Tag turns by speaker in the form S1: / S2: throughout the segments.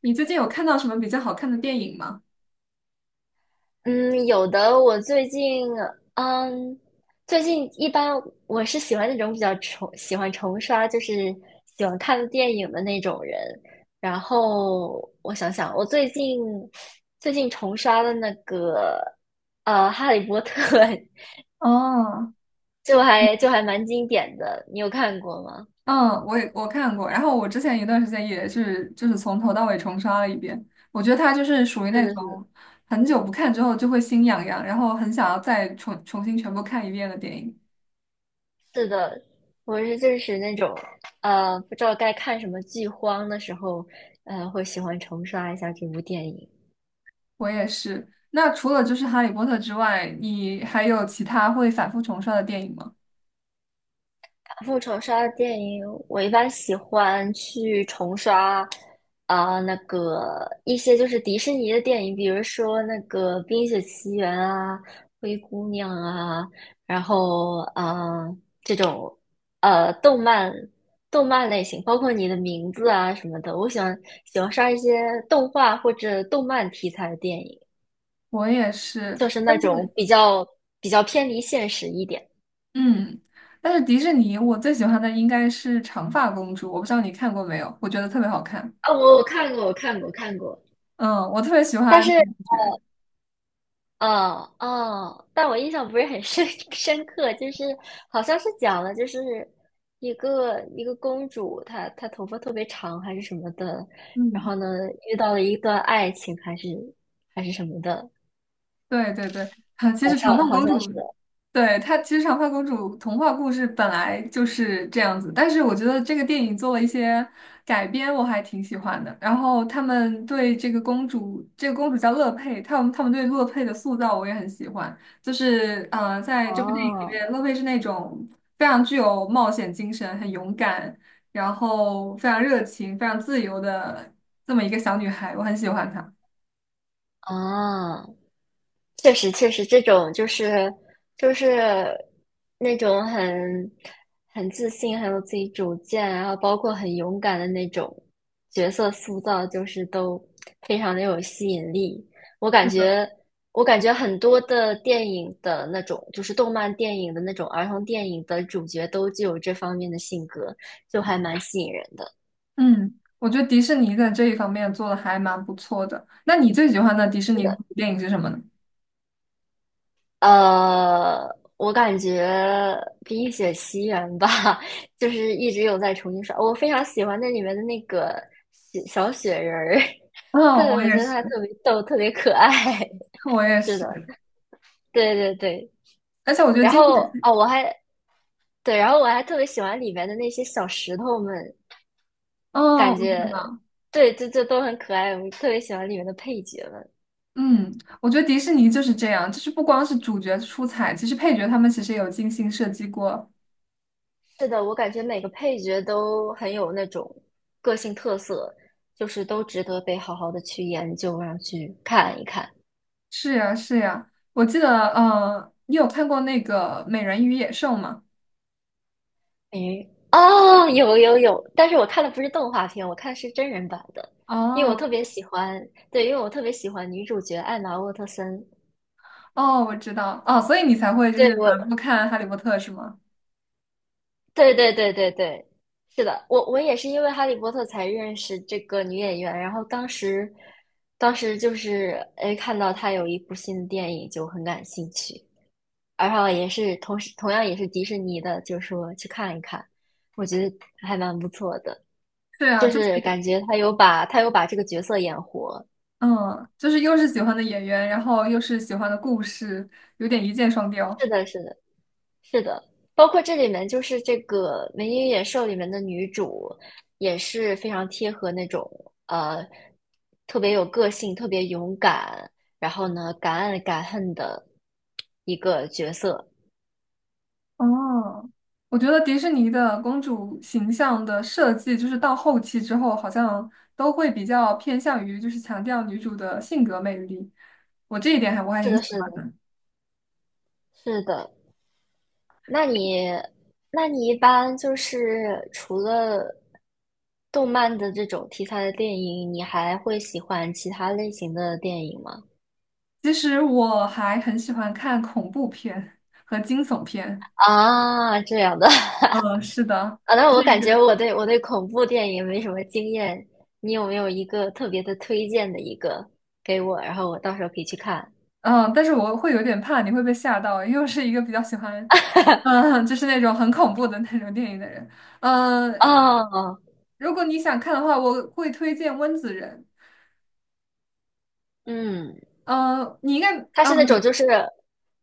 S1: 你最近有看到什么比较好看的电影吗？
S2: 嗯，有的。我最近，嗯，一般我是喜欢那种比较重，喜欢重刷，就是喜欢看电影的那种人。然后我想想，我最近重刷的那个，《哈利波特》
S1: 哦，
S2: 就还蛮经典的，你有看过吗？
S1: 嗯，我看过，然后我之前一段时间也是就是从头到尾重刷了一遍。我觉得它就是属于
S2: 是
S1: 那
S2: 的，是的，
S1: 种很久不看之后就会心痒痒，然后很想要再重新全部看一遍的电影。
S2: 是的，我是就是那种，不知道该看什么剧荒的时候，会喜欢重刷一下这部电影。
S1: 我也是。那除了就是《哈利波特》之外，你还有其他会反复重刷的电影吗？
S2: 复仇杀的电影，我一般喜欢去重刷啊、那个一些就是迪士尼的电影，比如说那个《冰雪奇缘》啊，《灰姑娘》啊，然后啊、这种呃动漫动漫类型，包括你的名字啊什么的，我喜欢刷一些动画或者动漫题材的电影，
S1: 我也是，
S2: 就是
S1: 但
S2: 那种
S1: 是
S2: 比较偏离现实一点
S1: 嗯，但是迪士尼我最喜欢的应该是《长发公主》，我不知道你看过没有？我觉得特别好看。
S2: 啊、我看过，我看过，看过。
S1: 嗯，我特别喜
S2: 但
S1: 欢
S2: 是
S1: 女主角。
S2: 哦哦，但我印象不是很深 深刻，就是好像是讲了，就是一个公主，她头发特别长还是什么的，然
S1: 嗯，
S2: 后呢遇到了一段爱情还是什么的，
S1: 对对对，啊，其
S2: 好
S1: 实长发
S2: 像好
S1: 公
S2: 像是
S1: 主，对，她其实长发公主童话故事本来就是这样子，但是我觉得这个电影做了一些改编，我还挺喜欢的。然后他们对这个公主，这个公主叫乐佩，他们对乐佩的塑造我也很喜欢。就是在这部电影里
S2: 哦
S1: 面，乐佩是那种非常具有冒险精神、很勇敢，然后非常热情、非常自由的这么一个小女孩，我很喜欢她。
S2: 哦，确实，确实，这种就是那种很自信、很有自己主见，然后包括很勇敢的那种角色塑造，就是都非常的有吸引力。我感
S1: 是的，
S2: 觉，我感觉很多的电影的那种，就是动漫电影的那种儿童电影的主角都具有这方面的性格，就还蛮吸引人的。
S1: 嗯，我觉得迪士尼在这一方面做的还蛮不错的。那你最喜欢的迪士
S2: 是
S1: 尼公
S2: 的。
S1: 主电影是什么呢？
S2: 呃，我感觉比冰雪奇缘》吧，就是一直有在重新刷。我非常喜欢那里面的那个小雪人儿，对，
S1: 哦，我
S2: 我觉
S1: 也
S2: 得他
S1: 是，
S2: 特别逗，特别可爱。
S1: 我 也
S2: 是的，
S1: 是，
S2: 对对对。
S1: 而且我觉得
S2: 然
S1: 经
S2: 后
S1: 典，
S2: 哦，我还对，然后我还特别喜欢里面的那些小石头们，
S1: 哦，
S2: 感
S1: 我
S2: 觉
S1: 知道，
S2: 对，就都很可爱。我特别喜欢里面的配角们。
S1: 嗯，我觉得迪士尼就是这样，就是不光是主角出彩，其实配角他们其实也有精心设计过。
S2: 是的，我感觉每个配角都很有那种个性特色，就是都值得被好好的去研究啊，然后去看一看。
S1: 是呀，是呀，我记得，嗯，你有看过那个《美人鱼野兽》吗？
S2: 诶，哦，有有有，但是我看的不是动画片，我看是真人版的，因为我
S1: 哦，
S2: 特别喜欢，对，因为我特别喜欢女主角艾玛沃特森。
S1: 哦，我知道，哦，所以你才会就是
S2: 对，
S1: 反
S2: 我，
S1: 复看《哈利波特》是吗？
S2: 对对对对对，是的，我也是因为《哈利波特》才认识这个女演员，然后当时就是哎看到她有一部新的电影就很感兴趣。然后也是同时同样也是迪士尼的，就是说去看一看，我觉得还蛮不错的，
S1: 对啊，
S2: 就
S1: 就
S2: 是
S1: 是。
S2: 感觉他有把这个角色演活。
S1: 嗯，就是又是喜欢的演员，然后又是喜欢的故事，有点一箭双雕。
S2: 是的，是的，是的，包括这里面就是这个《美女与野兽》里面的女主也是非常贴合那种呃特别有个性、特别勇敢，然后呢敢爱敢恨的一个角色。
S1: 哦，我觉得迪士尼的公主形象的设计，就是到后期之后，好像都会比较偏向于就是强调女主的性格魅力。我这一点我还
S2: 是
S1: 挺
S2: 的，
S1: 喜
S2: 是
S1: 欢
S2: 的，
S1: 的。
S2: 是的。那你，那你一般就是除了动漫的这种题材的电影，你还会喜欢其他类型的电影吗？
S1: 其实我还很喜欢看恐怖片和惊悚片。
S2: 啊，这样的
S1: 嗯，是的，
S2: 啊，那
S1: 这
S2: 我
S1: 一
S2: 感觉
S1: 个。
S2: 我对恐怖电影没什么经验，你有没有一个特别的推荐的一个给我，然后我到时候可以去看？
S1: 嗯，但是我会有点怕你会被吓到，因为我是一个比较喜欢，嗯，就是那种很恐怖的那种电影的人。嗯，
S2: 哦，
S1: 如果你想看的话，我会推荐《温子仁》。
S2: 嗯，
S1: 嗯，你应该，
S2: 它是那
S1: 嗯，
S2: 种就是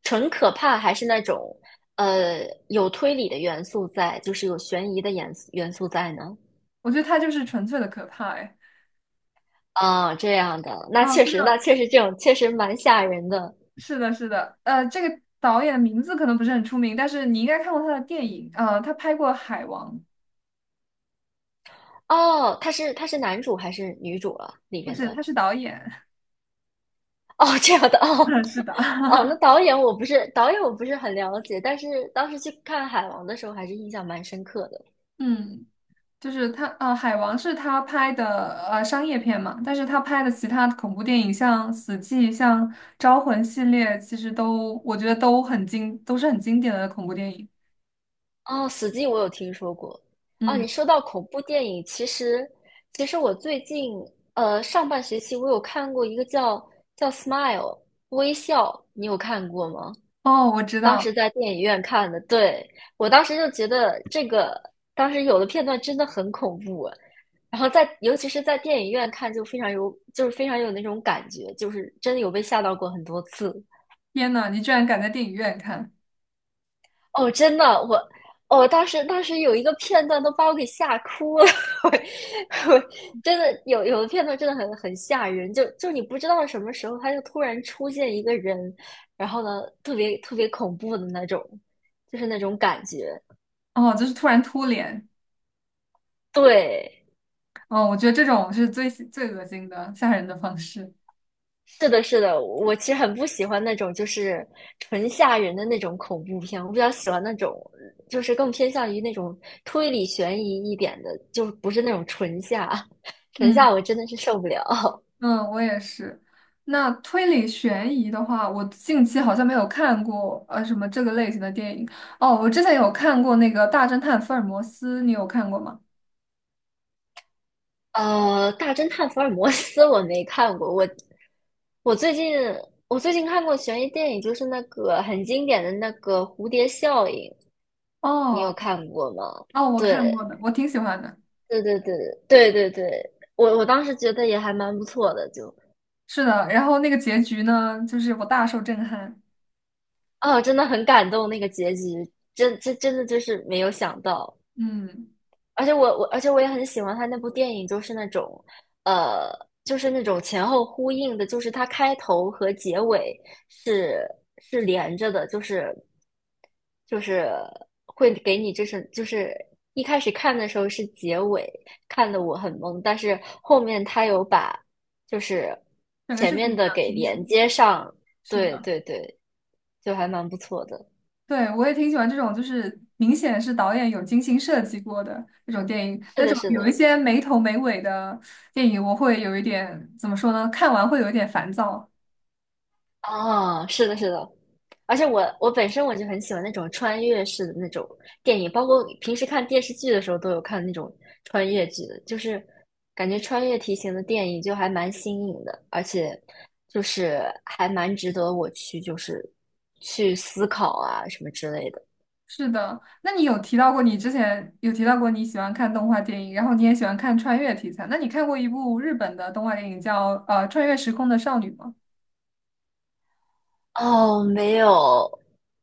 S2: 纯可怕，还是那种有推理的元素在，就是有悬疑的元素在呢？
S1: 我觉得他就是纯粹的可怕，哎，
S2: 啊，这样的，那
S1: 啊，
S2: 确
S1: 不知
S2: 实，那
S1: 道，
S2: 确实这种确实蛮吓人的。
S1: 是的，是的，这个导演的名字可能不是很出名，但是你应该看过他的电影，他拍过《海王》，
S2: 哦，他是男主还是女主啊？里
S1: 不
S2: 边
S1: 是，
S2: 的
S1: 他是导演，
S2: 哦，这样的 哦
S1: 嗯，是的，
S2: 哦，那导演我不是很了解，但是当时去看《海王》的时候还是印象蛮深刻的。
S1: 嗯。就是他，呃，海王是他拍的商业片嘛，但是他拍的其他的恐怖电影，像《死寂》、像《招魂》系列，其实都我觉得都很经，都是很经典的恐怖电影。
S2: 哦，《死寂》我有听说过。哦，
S1: 嗯，
S2: 你说到恐怖电影，其实我最近上半学期我有看过一个叫《Smile》微笑，你有看过吗？
S1: 哦，我知
S2: 当时
S1: 道，
S2: 在电影院看的，对，我当时就觉得这个，当时有的片段真的很恐怖，然后尤其是在电影院看就非常有，就是非常有那种感觉，就是真的有被吓到过很多次。
S1: 天呐，你居然敢在电影院看，
S2: 哦，真的，我，哦，当时有一个片段都把我给吓哭了，我真的有的片段真的很吓人，就你不知道什么时候他就突然出现一个人，然后呢，特别特别恐怖的那种，就是那种感觉。
S1: 哦，就是突然突脸，
S2: 对，
S1: 哦，我觉得这种是最最恶心的、吓人的方式。
S2: 是的，是的，我其实很不喜欢那种就是纯吓人的那种恐怖片，我比较喜欢那种就是更偏向于那种推理悬疑一点的，就不是那种纯吓，纯吓
S1: 嗯。
S2: 我真的是受不了。
S1: 嗯，我也是。那推理悬疑的话，我近期好像没有看过什么这个类型的电影。哦，我之前有看过那个《大侦探福尔摩斯》，你有看过吗？
S2: 《大侦探福尔摩斯》我没看过，我最近我最近看过悬疑电影，就是那个很经典的那个《蝴蝶效应》，你有
S1: 哦
S2: 看过吗？
S1: 哦，我看过
S2: 对，
S1: 的，我挺喜欢的。
S2: 对对对对对对，我当时觉得也还蛮不错的，就
S1: 是的，然后那个结局呢，就是我大受震撼。
S2: 啊，真的很感动那个结局，真真真的就是没有想到，
S1: 嗯，
S2: 而且我也很喜欢他那部电影，就是那种，呃，就是那种前后呼应的，就是它开头和结尾是是连着的，就是就是会给你就是一开始看的时候是结尾，看的我很懵，但是后面他有把就是
S1: 整个
S2: 前
S1: 是
S2: 面
S1: 挺
S2: 的
S1: 讲
S2: 给
S1: 清
S2: 连
S1: 楚。
S2: 接上，
S1: 是
S2: 对
S1: 的。
S2: 对对，就还蛮不错的。
S1: 对，我也挺喜欢这种，就是明显是导演有精心设计过的那种电影。
S2: 是
S1: 那
S2: 的，
S1: 种
S2: 是
S1: 有一
S2: 的，
S1: 些没头没尾的电影，我会有一点，怎么说呢？看完会有一点烦躁。
S2: 哦，是的，是的，而且我本身我就很喜欢那种穿越式的那种电影，包括平时看电视剧的时候都有看那种穿越剧的，就是感觉穿越题型的电影就还蛮新颖的，而且就是还蛮值得我去就是去思考啊什么之类的。
S1: 是的，那你有提到过，你之前有提到过你喜欢看动画电影，然后你也喜欢看穿越题材。那你看过一部日本的动画电影叫《穿越时空的少女》吗？
S2: 哦，没有，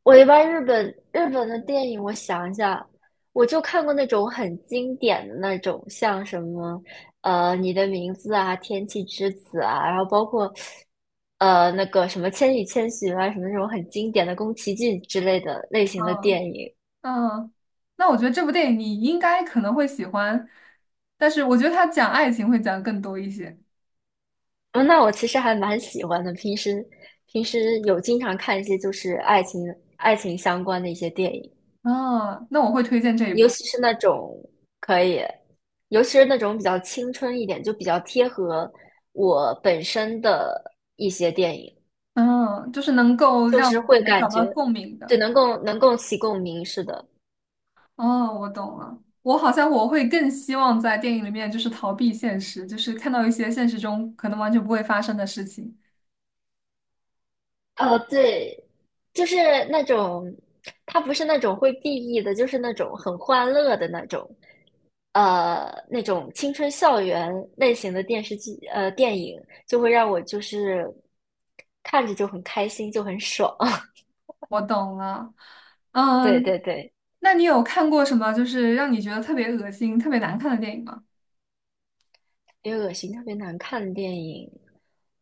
S2: 我一般日本的电影，我想一下，我就看过那种很经典的那种，像什么《你的名字》啊，《天气之子》啊，然后包括那个什么《千与千寻》啊，什么那种很经典的宫崎骏之类的类型的
S1: 嗯
S2: 电影。
S1: 嗯，那我觉得这部电影你应该可能会喜欢，但是我觉得它讲爱情会讲得更多一些。
S2: 嗯，那我其实还蛮喜欢的，平时有经常看一些就是爱情相关的一些电影。
S1: 啊，那我会推荐这一
S2: 尤
S1: 部。
S2: 其是那种可以，尤其是那种比较青春一点，就比较贴合我本身的一些电影，
S1: 嗯，就是能够
S2: 就
S1: 让
S2: 是
S1: 我
S2: 会
S1: 们
S2: 感
S1: 找到
S2: 觉，
S1: 共鸣
S2: 对，
S1: 的。
S2: 能够起共鸣，似的，
S1: 哦，我懂了。我好像我会更希望在电影里面就是逃避现实，就是看到一些现实中可能完全不会发生的事情。
S2: 对，就是那种，它不是那种会 BE 的，就是那种很欢乐的那种，那种青春校园类型的电视剧，电影就会让我就是看着就很开心，就很爽，
S1: 我懂了。
S2: 对
S1: 嗯，
S2: 对对。
S1: 那你有看过什么就是让你觉得特别恶心、特别难看的电影吗？
S2: 别恶心，特别难看的电影，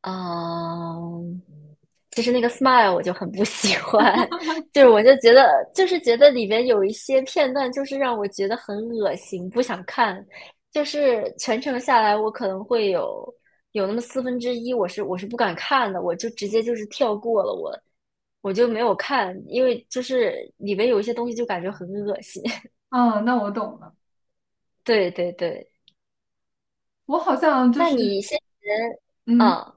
S2: 嗯，其实那个《Smile》我就很不喜欢，就是我就觉得，就是觉得里边有一些片段，就是让我觉得很恶心，不想看。就是全程下来，我可能会有那么1/4，我是不敢看的，我就直接就是跳过了我，我就没有看，因为就是里边有一些东西就感觉很恶心。
S1: 哦，那我懂了。
S2: 对对对。
S1: 我好像就
S2: 那
S1: 是，
S2: 你先前，
S1: 嗯，
S2: 嗯，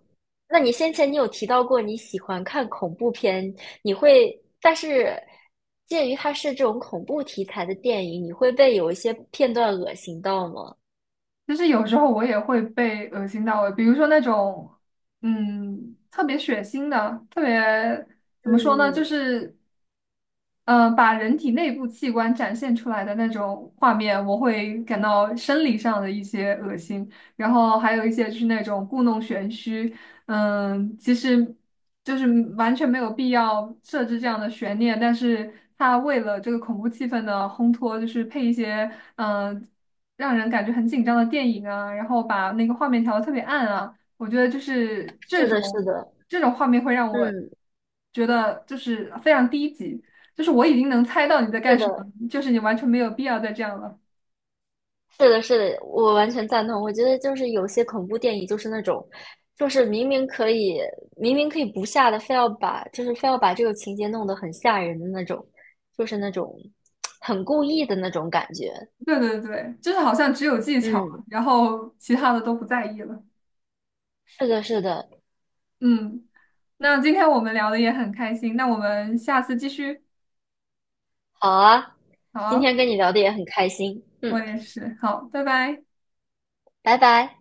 S2: 那你先前你有提到过你喜欢看恐怖片，你会，但是鉴于它是这种恐怖题材的电影，你会被有一些片段恶心到吗？
S1: 就是有时候我也会被恶心到，比如说那种，嗯，特别血腥的，特别怎么说呢，就
S2: 嗯，
S1: 是，把人体内部器官展现出来的那种画面，我会感到生理上的一些恶心，然后还有一些就是那种故弄玄虚，嗯，其实就是完全没有必要设置这样的悬念，但是他为了这个恐怖气氛的烘托，就是配一些。嗯。让人感觉很紧张的电影啊，然后把那个画面调的特别暗啊，我觉得就是这
S2: 是的，是
S1: 种
S2: 的，
S1: 这种画面会让我
S2: 嗯，
S1: 觉得就是非常低级，就是我已经能猜到你在干
S2: 是
S1: 什么，
S2: 的，
S1: 就是你完全没有必要再这样了。
S2: 是的，是的，我完全赞同。我觉得就是有些恐怖电影就是那种，就是明明可以不吓的，非要把，就是非要把这个情节弄得很吓人的那种，就是那种很故意的那种感觉。
S1: 对对对，就是好像只有技巧，
S2: 嗯，
S1: 然后其他的都不在意了。
S2: 是的，是的，
S1: 嗯，那今天我们聊的也很开心，那我们下次继续。
S2: 好啊，今
S1: 好，
S2: 天跟你聊的也很开心，嗯，
S1: 我也是，好，拜拜。
S2: 拜拜。